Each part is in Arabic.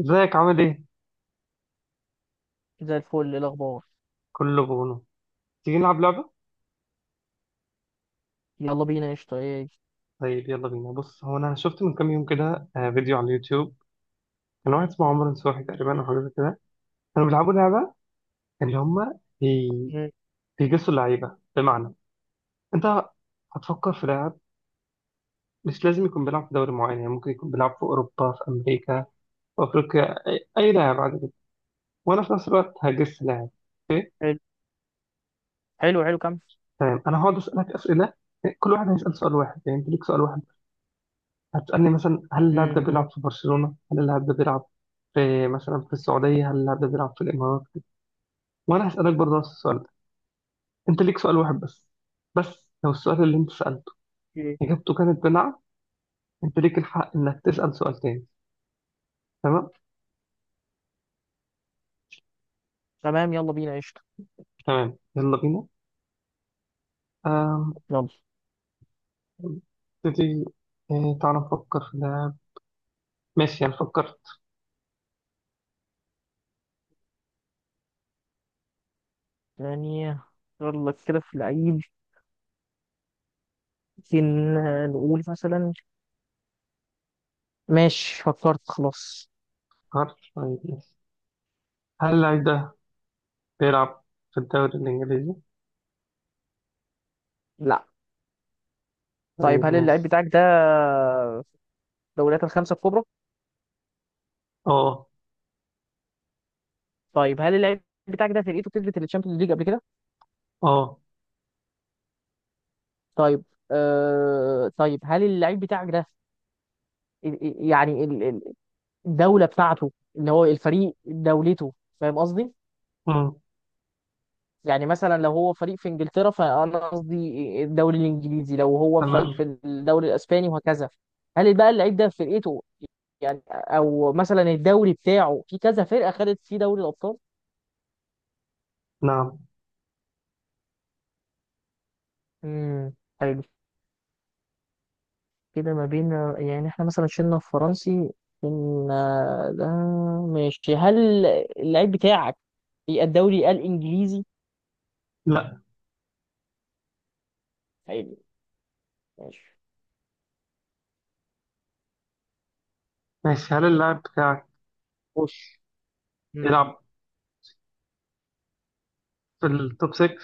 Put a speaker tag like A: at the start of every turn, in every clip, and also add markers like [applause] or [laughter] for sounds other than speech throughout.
A: ازيك؟ عامل ايه؟
B: زي الفل، إيه الأخبار؟
A: كله بونو. تيجي نلعب لعبة؟
B: يلا بينا قشطة. إيه؟
A: طيب يلا بينا. بص، هو انا شفت من كام يوم كده فيديو على اليوتيوب. كان واحد اسمه عمر نصوحي تقريبا او حاجة زي كده. كانوا بيلعبوا لعبة، اللي هم بي...
B: مم.
A: بيجسوا اللعيبة. بمعنى، انت هتفكر في لاعب، مش لازم يكون بيلعب في دوري معين، يعني ممكن يكون بيلعب في اوروبا، في امريكا، في افريقيا، أي لاعب عادي جدا. وانا في نفس الوقت هجس لاعب. اوكي.
B: حلو. حلو.
A: تمام، انا هقعد اسالك اسئلة. كل واحد هيسال سؤال واحد، يعني انت ليك سؤال واحد. هتسألني مثلا: هل اللاعب ده
B: مم.
A: بيلعب في برشلونة؟ هل اللاعب ده بيلعب في مثلا في السعودية؟ هل اللاعب ده بيلعب في الإمارات؟ وأنا هسألك برضه نفس السؤال ده. أنت ليك سؤال واحد بس، بس لو السؤال اللي أنت سألته
B: ايه،
A: إجابته كانت بنعم، أنت ليك الحق إنك تسأل سؤال تاني. تمام؟
B: تمام، يلا بينا قشطة.
A: تمام، يلا بينا. آم،
B: يلا.
A: نبتدي. تعالى نفكر في اللاعب. ماشي، أنا فكرت.
B: يعني يلا كده في العيد ممكن نقول مثلا. ماشي، فكرت خلاص.
A: فكرت، طيب ماشي. هل اللاعب ده بيلعب في الدوري الإنجليزي؟
B: لا. طيب،
A: طيب
B: هل اللعيب
A: ماشي.
B: بتاعك ده دوريات الخمسة الكبرى؟
A: أه.
B: طيب، هل اللعيب بتاعك ده فرقته كسبت الشامبيونز ليج قبل كده؟
A: أه.
B: طيب. طيب، هل اللعيب بتاعك ده ال- ال- يعني ال- ال- الدولة بتاعته اللي هو الفريق دولته، فاهم قصدي؟
A: مم.
B: يعني مثلا لو هو فريق في انجلترا فانا قصدي الدوري الانجليزي، لو هو فريق
A: تمام.
B: في الدوري الاسباني وهكذا. هل بقى اللعيب ده في فرقته، يعني او مثلا الدوري بتاعه في كذا فرقه خدت فيه دوري الابطال؟
A: نعم.
B: امم حلو. كده ما بين، يعني احنا مثلا شلنا الفرنسي، شلنا ده. ماشي، هل اللعيب بتاعك في الدوري الانجليزي؟
A: لا.
B: حلو، ماشي.
A: ماشي، هل اللاعب بتاعك
B: خش. امم
A: بيلعب في التوب 6؟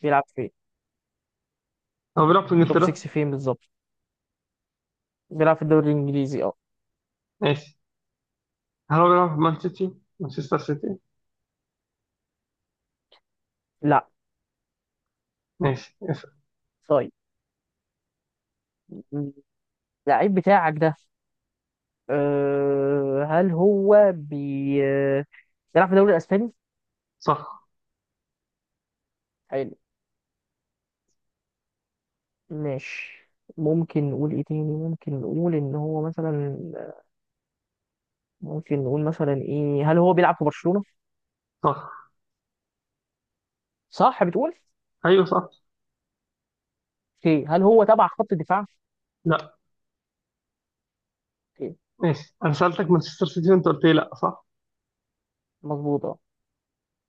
B: بيلعب فين؟
A: هو بيلعب في
B: توب
A: انجلترا.
B: 6 فين بالظبط؟ بيلعب في الدوري الانجليزي، اه؟
A: ماشي، هل هو بيلعب في مان سيتي، مانشستر سيتي؟
B: لا.
A: ماشي، اسأل.
B: طيب، اللعيب بتاعك ده، أه، هل هو بي آه، بيلعب في الدوري الاسباني؟
A: صح.
B: حلو، ماشي. ممكن نقول ايه تاني، ممكن نقول ان هو مثلا، ممكن نقول مثلا ايه، هل هو بيلعب في برشلونة؟
A: صح.
B: صح، بتقول؟
A: ايوه صح.
B: اوكي، هل هو تبع خط الدفاع؟
A: لا.
B: اوكي.
A: ماشي، انا سألتك مانشستر سيتي وانت قلت لي لا، صح؟
B: مظبوط، اه.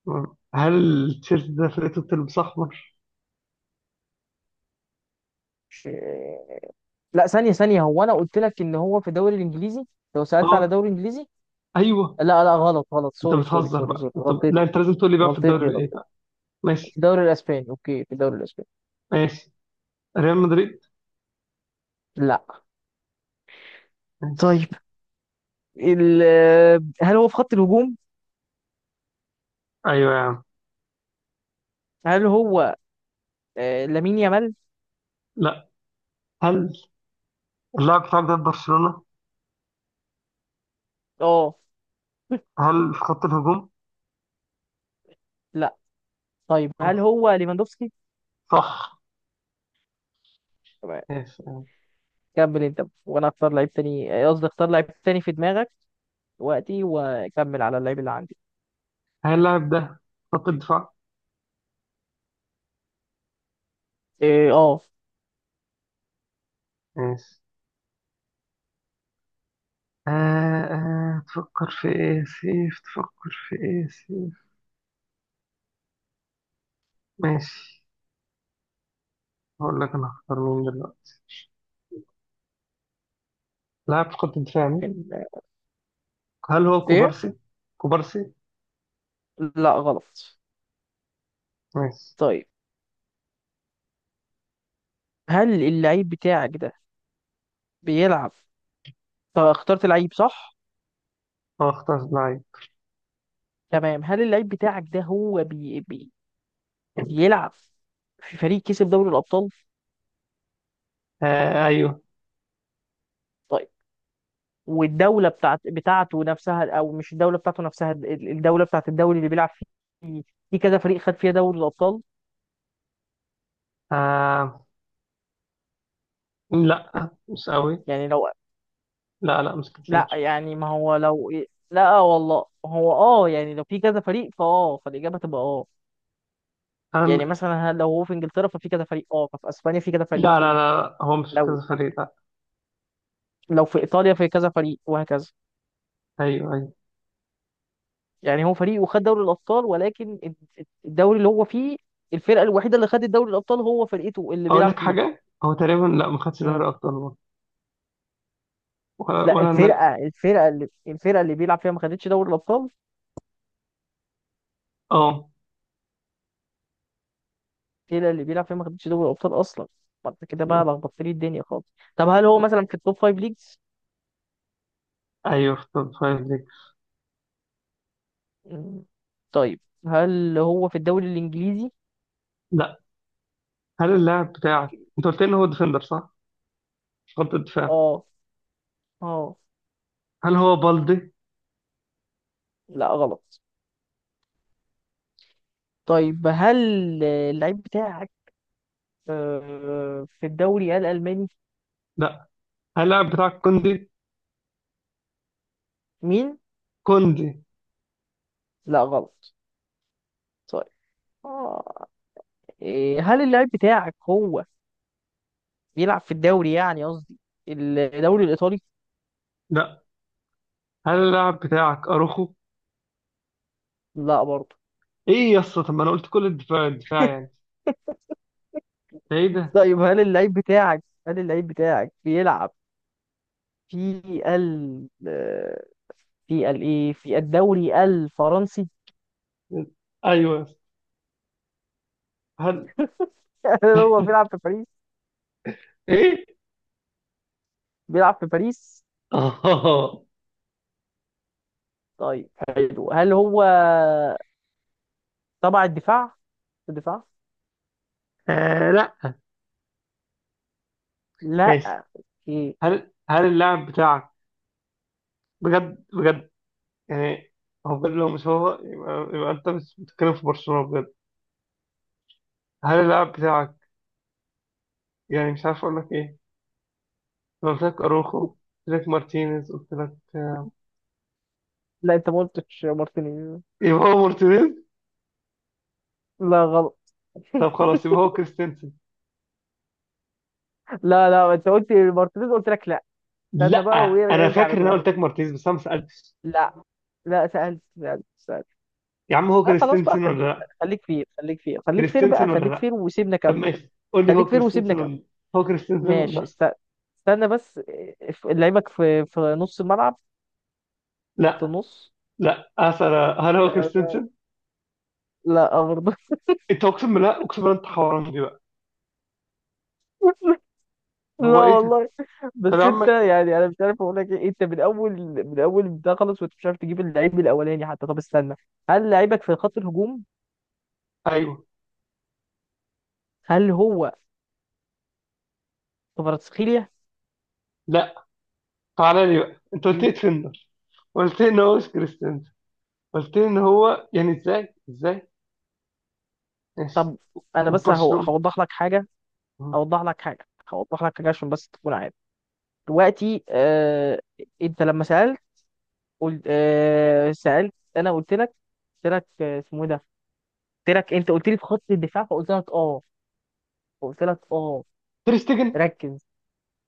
A: مم. هل التيشيرت ده فرقته بتلبس احمر؟
B: مش- لا، ثانية ثانية، هو انا قلت لك ان هو في الدوري الانجليزي؟ لو سألت على
A: اه.
B: الدوري الانجليزي.
A: ايوه.
B: لا لا، غلط غلط،
A: انت
B: سوري سوري
A: بتهزر
B: سوري
A: بقى،
B: سوري،
A: انت
B: غلطتي
A: لا، انت لازم تقول لي بقى في
B: غلطتي
A: الدوري ايه
B: غلطتي.
A: بقى.
B: في
A: ماشي.
B: الدوري الاسباني، اوكي، في الدوري الاسباني.
A: ماشي، ريال مدريد.
B: لا.
A: ماشي.
B: طيب، ال... هل هو في خط الهجوم؟
A: ايوه يا عم.
B: هل هو لامين يامال؟
A: لا، هل اللاعب بتاعك ده في برشلونة؟
B: اه.
A: هل في خط الهجوم؟
B: لا. طيب، هل
A: ماشي.
B: هو ليفاندوفسكي؟
A: صح.
B: تمام.
A: ماشي.
B: كمل انت، وانا اختار لعيب تاني، قصدي اختار لعيب تاني في دماغك دلوقتي، وكمل على اللعيب اللي عندي.
A: هل اللاعب ده خط الدفاع؟
B: ايه، اه.
A: ماشي. آه. آه، تفكر في ايه سيف؟ تفكر في ايه سيف؟ ماشي، هقول لك انا هختار مين دلوقتي. لاعب في خط الدفاع مين؟
B: كان- آه،
A: هل هو
B: ايه.
A: كوبارسي؟ كوبارسي.
B: لا، غلط.
A: ماشي.
B: طيب، هل اللعيب بتاعك ده بيلعب، طب اخترت لعيب صح؟
A: هو اختار لاعب.
B: تمام، هل اللعيب بتاعك ده هو بيلعب في فريق كسب دوري الابطال؟
A: آه ايوه.
B: طيب. والدولة بتاعت بتاعته نفسها، او مش الدولة بتاعته نفسها، الدولة بتاعت الدوري اللي بيلعب فيه، في كذا فريق خد فيها دوري الأبطال؟
A: آه، لا مش قوي.
B: يعني لو،
A: لا لا، مش
B: لا
A: كتير.
B: يعني ما هو لو، لا والله، هو اه يعني لو في كذا فريق فاه، فالإجابة تبقى اه. يعني
A: أنا،
B: مثلا لو هو في انجلترا ففي كذا فريق اه، ففي اسبانيا في كذا فريق،
A: لا لا لا، هو مش في
B: لو
A: كذا فريق، لا.
B: لو في ايطاليا في كذا فريق، وهكذا.
A: ايوه ايوه.
B: يعني هو فريق وخد دوري الابطال، ولكن الدوري اللي هو فيه، الفرقه الوحيده اللي خدت دوري الابطال هو فرقته اللي
A: اقول
B: بيلعب
A: لك
B: فيها.
A: حاجه، هو تقريبا لا، ما خدش دوري ابطال برضه. ولا
B: لا،
A: ولا انا.
B: الفرقه اللي الفرقه اللي بيلعب فيها ما خدتش دوري الابطال.
A: اه.
B: الفرقه اللي بيلعب فيها ما خدتش دوري الابطال اصلا. ما انت كده بقى لخبطت لي الدنيا خالص. طب هل هو مثلا في التوب فايف ليجز؟
A: ايوه، في توب فايف.
B: مم. طيب، هل هو في الدوري الانجليزي؟
A: لا. هل اللاعب بتاعك انت قلت ان هو ديفندر، صح؟ خط الدفاع.
B: اه، اه.
A: هل هو بالدي؟
B: لا، غلط. طيب، هل اللعيب بتاعك في الدوري الالماني؟
A: لا. هل اللاعب بتاعك كوندي؟
B: مين؟
A: كوندي.
B: لا، غلط. طيب، اه، إيه، هل اللعيب بتاعك هو بيلعب في الدوري، يعني قصدي الدوري الايطالي؟
A: لا. هل اللاعب بتاعك اروخو؟
B: لا برضه.
A: ايه يا اسطى، طب ما انا قلت كل الدفاع، الدفاع يعني، ده ايه ده؟
B: طيب، هل اللعيب بتاعك بيلعب في ال آه، في ال ايه، في الدوري الفرنسي؟
A: ايوه يا اسطى. هل؟
B: [laughs] هل هو بيلعب في باريس؟
A: ايه؟
B: بيلعب في باريس.
A: [laughs] اه.
B: طيب، حلو. هل هو تبع الدفاع، في الدفاع؟
A: لا.
B: لا.
A: ماشي.
B: اوكي.
A: هل اللاعب بتاعك، بجد بجد يعني، هو بجد؟ لو مش هو، يبقى انت مش بتتكلم في برشلونة بجد. هل اللاعب بتاعك، يعني مش عارف اقول لك ايه، أنا قلت لك أروخو، قلت لك مارتينيز، قلت لك
B: لا انت ما قلتش مارتينيز.
A: يبقى هو مارتينيز.
B: لا، غلط. [laughs]
A: طب خلاص، يبقى هو كريستنسن.
B: لا لا، انت قلت مارتينيز، قلت لك لا.
A: لا.
B: استنى بقى
A: أنا
B: ويرجع
A: فاكر إن أنا
B: لدوره.
A: قلت لك مارتينيز بس أنا ما سألتش.
B: لا، لا سألت سألت سألت.
A: يا عم، هو
B: اه خلاص بقى،
A: كريستنسن ولا
B: خليك،
A: لا؟
B: خليك فير خليك فير خليك فير بقى،
A: كريستنسن ولا
B: خليك
A: لا؟
B: فير وسيبنا
A: طب
B: كمل.
A: ماشي، قول لي هو
B: خليك فير وسيبنا
A: كريستنسن
B: كمل.
A: ولا. هو كريستنسن ولا
B: ماشي.
A: لا؟
B: استنى بس، لعيبك في نص الملعب؟ خط
A: لا
B: النص.
A: لا أسأل، هل هو
B: [laughs] لا.
A: كريستنسن؟
B: لا، برضه. [laughs]
A: أنت، أقسم بالله أقسم بالله، أنت حوران دي بقى.
B: لا
A: هو إيه ده؟
B: والله.
A: طب يا
B: بس انت
A: عم.
B: يعني، انا مش عارف اقول لك ايه، انت من اول، من اول ده خلص وانت مش عارف تجيب اللعيب الاولاني حتى. طب استنى، هل لعيبك في خط الهجوم؟
A: أيوه.
B: هل هو كفاراتسخيليا؟
A: لا. تعالى لي بقى، أنت قلت لي
B: ايه.
A: ديفندر، قلت لي إن هو مش كريستنسن، قلت لي إن هو، يعني إزاي إزاي. ماشي.
B: طب انا بس، هو
A: برشلونة.
B: هوضح لك حاجه، هوضح لك حاجه، هوضح لك حاجه عشان بس تكون عارف. دلوقتي انت لما سألت، قلت سألت، انا قلت لك، قلت لك اسمه ايه ده، قلت لك، انت قلت لي في خط الدفاع فقلت لك اه، قلت لك اه،
A: تير شتيجن.
B: ركز.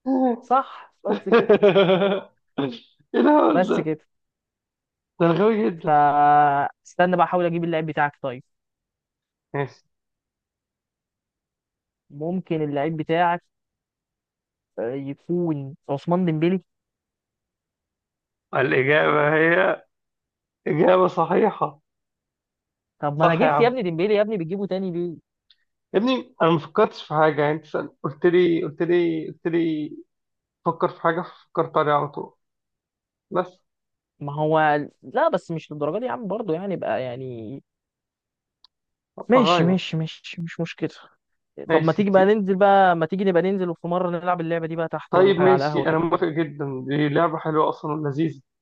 A: [laughs]
B: صح بس كده،
A: ايه الهبل
B: بس
A: ده.
B: كده.
A: ده أنا غبي جدا.
B: فاستنى بقى احاول اجيب اللعيب بتاعك. طيب،
A: ماشي.
B: ممكن اللعيب بتاعك يكون عثمان ديمبلي؟
A: الإجابة هي إجابة صحيحة.
B: طب ما انا
A: صح يا
B: جبت يا
A: عم.
B: ابني ديمبلي، يا ابني بتجيبه تاني ليه؟
A: يا ابني أنا ما فكرتش في حاجة يعني، أنت قلت لي، قلت لي، قلت لي فكر في حاجة، فكرت عليها على طول بس.
B: ما هو، لا بس مش للدرجه دي يا عم، برضه يعني، بقى يعني.
A: أبقى
B: ماشي
A: غايب.
B: ماشي ماشي، مش مشكله. طب ما
A: ماشي
B: تيجي بقى ننزل بقى، ما تيجي نبقى ننزل وفي مرة نلعب اللعبة دي بقى تحت ولا
A: طيب،
B: حاجة على
A: ماشي،
B: قهوة
A: أنا
B: كده.
A: موافق جدا، دي لعبة حلوة أصلا ولذيذة.